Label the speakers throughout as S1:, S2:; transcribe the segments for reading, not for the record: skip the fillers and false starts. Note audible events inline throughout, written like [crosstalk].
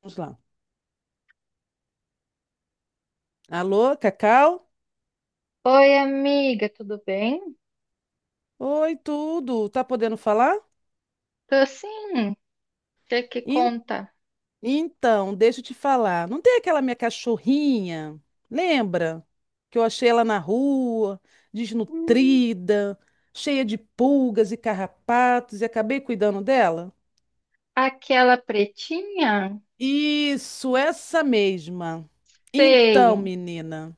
S1: Vamos lá. Alô, Cacau?
S2: Oi, amiga, tudo bem?
S1: Oi, tudo. Tá podendo falar?
S2: Tô sim, você que
S1: En-
S2: conta.
S1: Então, deixa eu te falar. Não tem aquela minha cachorrinha? Lembra? Que eu achei ela na rua,
S2: Hum.
S1: desnutrida, cheia de pulgas e carrapatos e acabei cuidando dela?
S2: Aquela pretinha?
S1: Isso, essa mesma. Então,
S2: Sei.
S1: menina,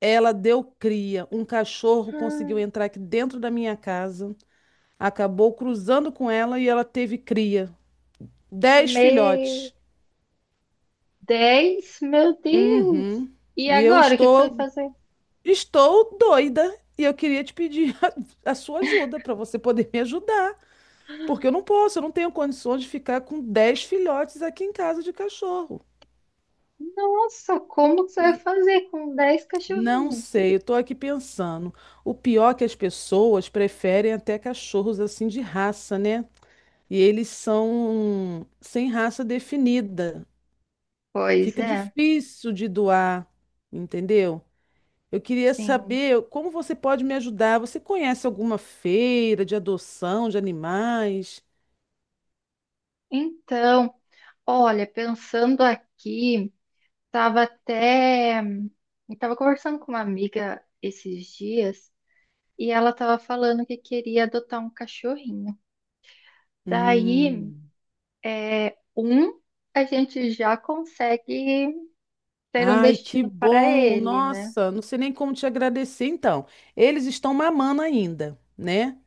S1: ela deu cria. Um cachorro conseguiu
S2: Ah.
S1: entrar aqui dentro da minha casa, acabou cruzando com ela e ela teve cria. 10
S2: Me...
S1: filhotes.
S2: Dez? Meu Deus!
S1: Uhum.
S2: E
S1: E eu
S2: agora, o que que você vai
S1: estou,
S2: fazer?
S1: estou doida. E eu queria te pedir [laughs] a sua ajuda para você poder me ajudar. Porque eu não posso, eu não tenho condições de ficar com 10 filhotes aqui em casa de cachorro.
S2: Nossa, como que você
S1: E
S2: vai
S1: v-
S2: fazer com dez
S1: Não
S2: cachorrinhos?
S1: sei, eu tô aqui pensando. O pior é que as pessoas preferem até cachorros assim de raça, né? E eles são sem raça definida.
S2: Pois
S1: Fica
S2: é,
S1: difícil de doar, entendeu? Eu queria
S2: sim.
S1: saber como você pode me ajudar. Você conhece alguma feira de adoção de animais?
S2: Então, olha, pensando aqui, tava até... Eu tava conversando com uma amiga esses dias e ela estava falando que queria adotar um cachorrinho. Daí,
S1: Hum.
S2: é, um, a gente já consegue ter um
S1: Ai, que
S2: destino para
S1: bom!
S2: ele, né?
S1: Nossa, não sei nem como te agradecer. Então, eles estão mamando ainda, né?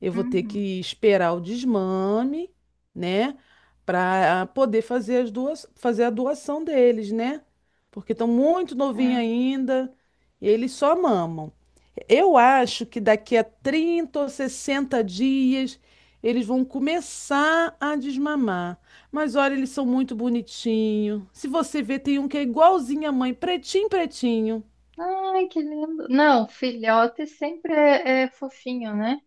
S1: Eu vou ter que
S2: Uhum,
S1: esperar o desmame, né? Para poder fazer as duas, fazer a doação deles, né? Porque estão muito novinhos
S2: é.
S1: ainda e eles só mamam. Eu acho que daqui a 30 ou 60 dias eles vão começar a desmamar. Mas olha, eles são muito bonitinhos. Se você ver, tem um que é igualzinho à mãe, pretinho, pretinho.
S2: Ai, que lindo. Não, filhote sempre é fofinho, né?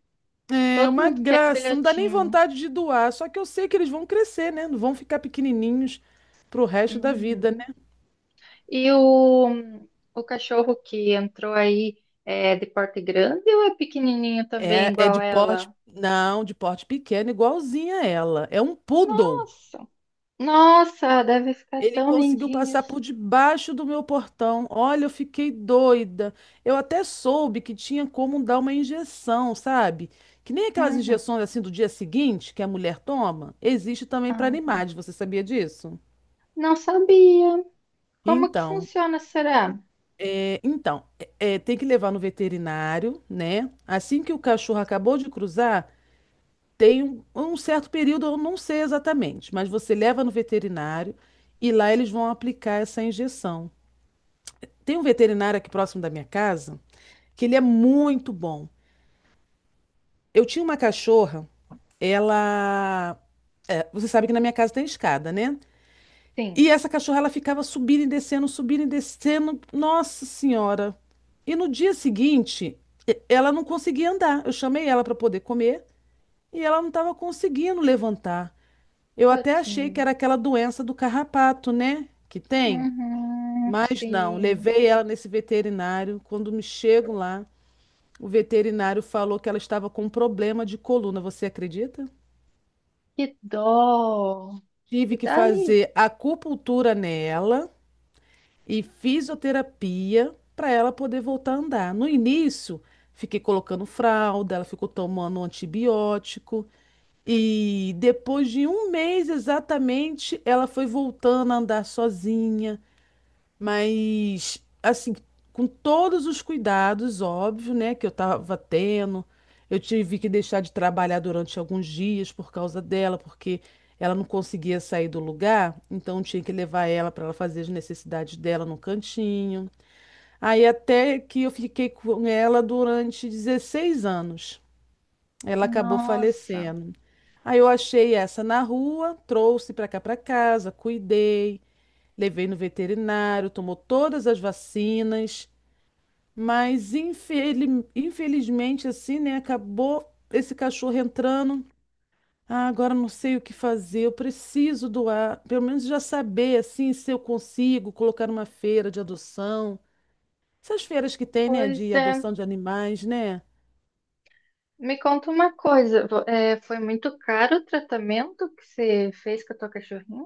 S1: É
S2: Todo
S1: uma
S2: mundo quer
S1: graça, não dá nem
S2: filhotinho.
S1: vontade de doar. Só que eu sei que eles vão crescer, né? Não vão ficar pequenininhos pro resto da vida,
S2: Uhum.
S1: né?
S2: E o, o cachorro que entrou aí é de porte grande ou é pequenininho também,
S1: É
S2: igual
S1: de porte,
S2: ela?
S1: não, de porte pequeno, igualzinho a ela. É um poodle.
S2: Nossa, nossa, deve ficar
S1: Ele
S2: tão
S1: conseguiu passar
S2: lindinhos.
S1: por debaixo do meu portão. Olha, eu fiquei doida. Eu até soube que tinha como dar uma injeção, sabe? Que nem aquelas
S2: Uhum.
S1: injeções assim do dia seguinte que a mulher toma, existe também para
S2: Ah,
S1: animais. Você sabia disso?
S2: não sabia. Como que
S1: Então,
S2: funciona, será?
S1: então, tem que levar no veterinário, né? Assim que o cachorro acabou de cruzar, tem um certo período, eu não sei exatamente, mas você leva no veterinário e lá eles vão aplicar essa injeção. Tem um veterinário aqui próximo da minha casa que ele é muito bom. Eu tinha uma cachorra, ela. Você sabe que na minha casa tem escada, né?
S2: Sim,
S1: E essa cachorra ela ficava subindo e descendo, subindo e descendo. Nossa Senhora! E no dia seguinte, ela não conseguia andar. Eu chamei ela para poder comer e ela não estava conseguindo levantar. Eu até achei que
S2: tadinho.
S1: era aquela doença do carrapato, né? Que tem.
S2: Uhum,
S1: Mas não,
S2: sim.
S1: levei ela nesse veterinário. Quando me chego lá, o veterinário falou que ela estava com um problema de coluna, você acredita?
S2: Que dó. E
S1: Tive que
S2: daí?
S1: fazer acupuntura nela e fisioterapia para ela poder voltar a andar. No início, fiquei colocando fralda, ela ficou tomando antibiótico. E depois de um mês exatamente, ela foi voltando a andar sozinha. Mas, assim, com todos os cuidados, óbvio, né, que eu tava tendo, eu tive que deixar de trabalhar durante alguns dias por causa dela, porque ela não conseguia sair do lugar, então eu tinha que levar ela para ela fazer as necessidades dela no cantinho. Aí até que eu fiquei com ela durante 16 anos. Ela acabou
S2: Nossa.
S1: falecendo. Aí eu achei essa na rua, trouxe para cá para casa, cuidei. Levei no veterinário, tomou todas as vacinas, mas infelizmente assim, né, acabou esse cachorro entrando. Ah, agora não sei o que fazer, eu preciso doar, pelo menos já saber assim se eu consigo colocar uma feira de adoção. Essas feiras que tem, né,
S2: Pois
S1: de
S2: é.
S1: adoção de animais, né?
S2: Me conta uma coisa. Foi muito caro o tratamento que você fez com a tua cachorrinha?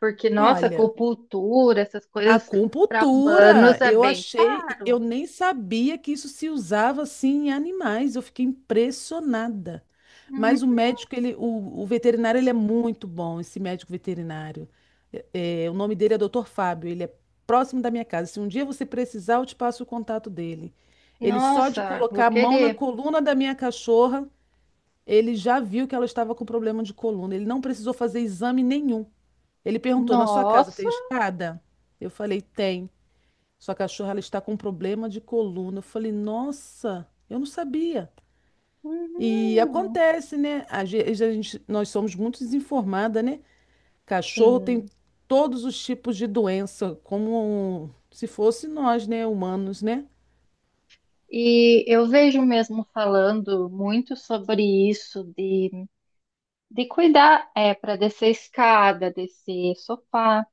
S2: Porque, nossa,
S1: Olha,
S2: acupuntura, essas coisas para humanos
S1: acupuntura,
S2: é
S1: eu
S2: bem
S1: achei,
S2: caro.
S1: eu nem sabia que isso se usava assim em animais, eu fiquei impressionada.
S2: Uhum.
S1: Mas o médico, ele, o veterinário, ele é muito bom, esse médico veterinário. É, o nome dele é Dr. Fábio, ele é próximo da minha casa. Se um dia você precisar, eu te passo o contato dele. Ele só de
S2: Nossa, vou
S1: colocar a mão na
S2: querer.
S1: coluna da minha cachorra, ele já viu que ela estava com problema de coluna. Ele não precisou fazer exame nenhum. Ele perguntou: na sua casa
S2: Nossa.
S1: tem escada? Eu falei: tem. Sua cachorra, ela está com problema de coluna. Eu falei, nossa, eu não sabia. E
S2: Uhum.
S1: acontece, né? Às vezes a gente, nós somos muito desinformada, né? Cachorro tem
S2: Sim.
S1: todos os tipos de doença, como se fosse nós, né? Humanos, né?
S2: E eu vejo mesmo falando muito sobre isso, de cuidar, é, para descer escada, descer sofá,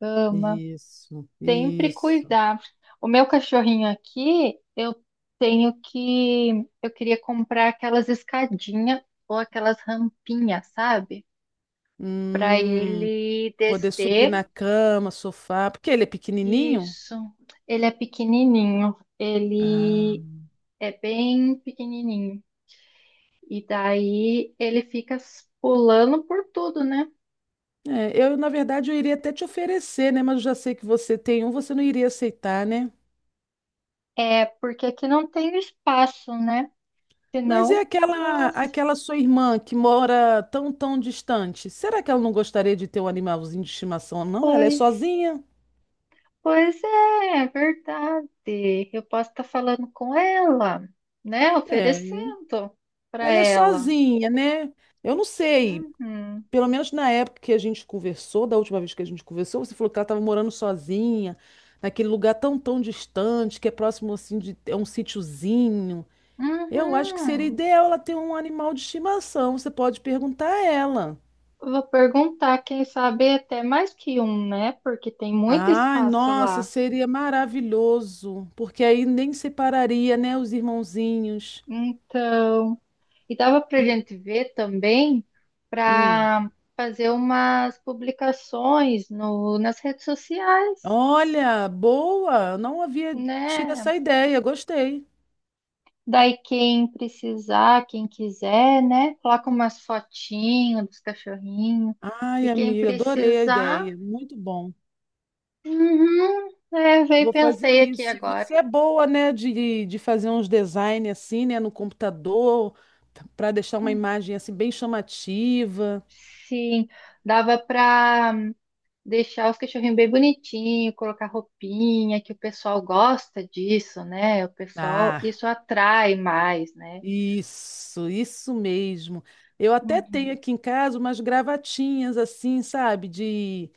S2: cama,
S1: Isso,
S2: sempre
S1: isso.
S2: cuidar. O meu cachorrinho aqui, tenho que, eu queria comprar aquelas escadinhas ou aquelas rampinhas, sabe? Para
S1: Hum,
S2: ele
S1: poder subir
S2: descer.
S1: na cama, sofá, porque ele é pequenininho.
S2: Isso. Ele é pequenininho.
S1: Ah,
S2: Ele é bem pequenininho. E daí ele fica pulando por tudo, né?
S1: na verdade, eu iria até te oferecer, né? Mas eu já sei que você tem um, você não iria aceitar, né?
S2: É, porque aqui não tem espaço, né?
S1: Mas e
S2: Senão,
S1: aquela,
S2: nossa,
S1: aquela sua irmã que mora tão, tão distante? Será que ela não gostaria de ter um animalzinho de estimação, não? Ela é
S2: pois,
S1: sozinha?
S2: pois é, é verdade. Eu posso estar falando com ela, né?
S1: É,
S2: Oferecendo para
S1: ela é
S2: ela.
S1: sozinha, né? Eu não sei.
S2: Uhum,
S1: Pelo menos na época que a gente conversou, da última vez que a gente conversou, você falou que ela estava morando sozinha, naquele lugar tão, tão distante, que é próximo assim de um sítiozinho. Eu acho que seria
S2: uhum.
S1: ideal ela ter um animal de estimação. Você pode perguntar a ela.
S2: Vou perguntar, quem sabe até mais que um, né? Porque tem muito
S1: Ai,
S2: espaço
S1: nossa,
S2: lá.
S1: seria maravilhoso, porque aí nem separaria, né, os irmãozinhos.
S2: Então. E dava para a
S1: E-
S2: gente ver também
S1: hum.
S2: para fazer umas publicações no, nas redes sociais,
S1: Olha, boa, não havia tido
S2: né?
S1: essa ideia, gostei.
S2: Daí quem precisar, quem quiser, né? Coloca umas fotinhas dos cachorrinhos. E
S1: Ai,
S2: quem
S1: amiga, adorei a
S2: precisar,
S1: ideia, muito bom.
S2: uhum, é, veio e
S1: Vou fazer
S2: pensei aqui
S1: isso. E
S2: agora.
S1: você é boa, né, de, fazer uns design assim, né, no computador, para deixar uma imagem assim bem chamativa.
S2: Sim, dava para deixar os cachorrinhos bem bonitinho, colocar roupinha, que o pessoal gosta disso, né? O pessoal,
S1: Ah,
S2: isso atrai mais, né?
S1: isso mesmo. Eu até
S2: Uhum.
S1: tenho aqui em casa umas gravatinhas assim, sabe, de,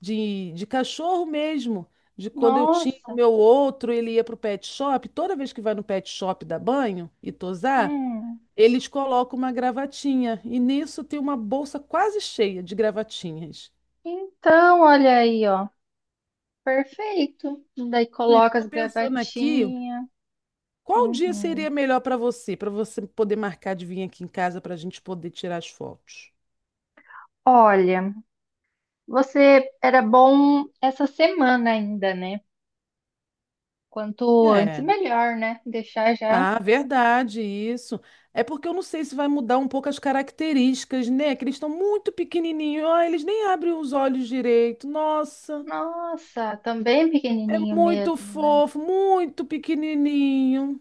S1: de cachorro mesmo. De quando eu tinha o
S2: Nossa,
S1: meu outro, ele ia pro pet shop. Toda vez que vai no pet shop dar banho e tosar,
S2: hum.
S1: eles colocam uma gravatinha. E nisso tem uma bolsa quase cheia de gravatinhas.
S2: Então, olha aí, ó. Perfeito. Daí
S1: É,
S2: coloca as
S1: tô pensando aqui,
S2: gravatinhas.
S1: qual dia
S2: Uhum.
S1: seria melhor para você poder marcar de vir aqui em casa para a gente poder tirar as fotos?
S2: Olha, você era bom essa semana ainda, né? Quanto antes,
S1: É.
S2: melhor, né? Deixar já.
S1: Ah, verdade, isso. É porque eu não sei se vai mudar um pouco as características, né? Que eles estão muito pequenininhos. Ah, eles nem abrem os olhos direito. Nossa,
S2: Nossa, também
S1: é
S2: pequenininho
S1: muito
S2: mesmo, né?
S1: fofo, muito pequenininho.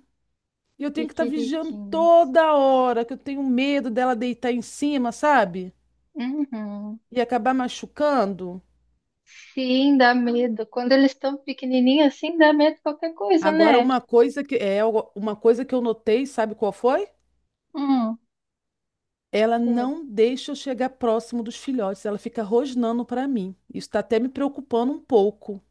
S1: E eu
S2: Que
S1: tenho que estar vigiando
S2: queridinhos.
S1: toda hora, que eu tenho medo dela deitar em cima, sabe?
S2: Uhum.
S1: E acabar machucando.
S2: Sim, dá medo. Quando eles estão pequenininhos assim, dá medo de qualquer coisa,
S1: Agora,
S2: né?
S1: uma coisa que é uma coisa que eu notei, sabe qual foi?
S2: Hum,
S1: Ela
S2: que-
S1: não deixa eu chegar próximo dos filhotes, ela fica rosnando para mim. Isso está até me preocupando um pouco.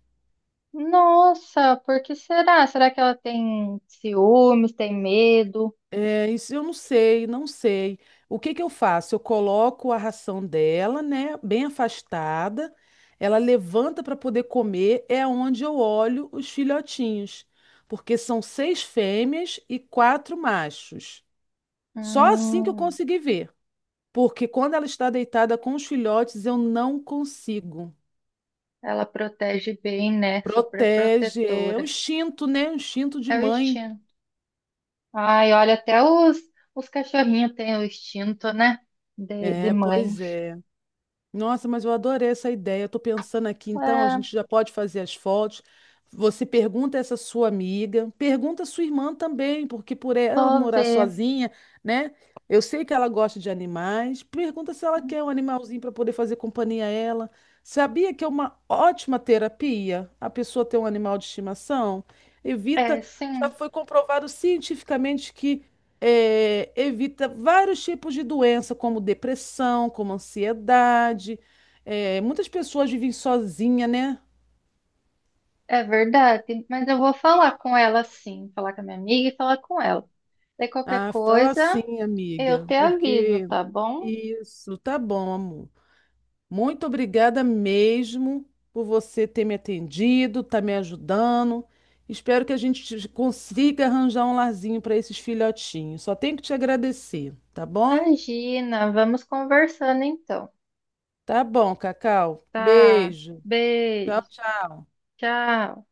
S2: Nossa, por que será? Será que ela tem ciúmes, tem medo?
S1: É, isso eu não sei, não sei. O que que eu faço? Eu coloco a ração dela, né, bem afastada. Ela levanta para poder comer, é onde eu olho os filhotinhos, porque são seis fêmeas e quatro machos. Só assim que eu
S2: Hum,
S1: consegui ver, porque quando ela está deitada com os filhotes, eu não consigo.
S2: ela protege bem, né? Super
S1: Protege, é o
S2: protetora.
S1: instinto, né? O instinto de
S2: É o
S1: mãe.
S2: instinto. Ai, olha, até os cachorrinhos têm o instinto, né? De
S1: É,
S2: mãe.
S1: pois é. Nossa, mas eu adorei essa ideia. Eu tô pensando aqui, então, a
S2: É,
S1: gente já pode fazer as fotos. Você pergunta essa sua amiga, pergunta a sua irmã também, porque por ela
S2: vou
S1: morar
S2: ver.
S1: sozinha, né? Eu sei que ela gosta de animais. Pergunta se ela quer um animalzinho para poder fazer companhia a ela. Sabia que é uma ótima terapia a pessoa ter um animal de estimação?
S2: É,
S1: Evita, já
S2: sim.
S1: foi comprovado cientificamente que evita vários tipos de doença, como depressão, como ansiedade. É, muitas pessoas vivem sozinha, né?
S2: É verdade, mas eu vou falar com ela sim, falar com a minha amiga e falar com ela. Daí qualquer
S1: Ah, fala
S2: coisa,
S1: assim,
S2: eu
S1: amiga,
S2: te aviso,
S1: porque
S2: tá bom?
S1: isso, tá bom, amor. Muito obrigada mesmo por você ter me atendido, tá me ajudando. Espero que a gente consiga arranjar um larzinho para esses filhotinhos. Só tenho que te agradecer, tá bom?
S2: Imagina, vamos conversando então,
S1: Tá bom, Cacau.
S2: tá?
S1: Beijo. Tchau,
S2: Beijo,
S1: tchau.
S2: tchau.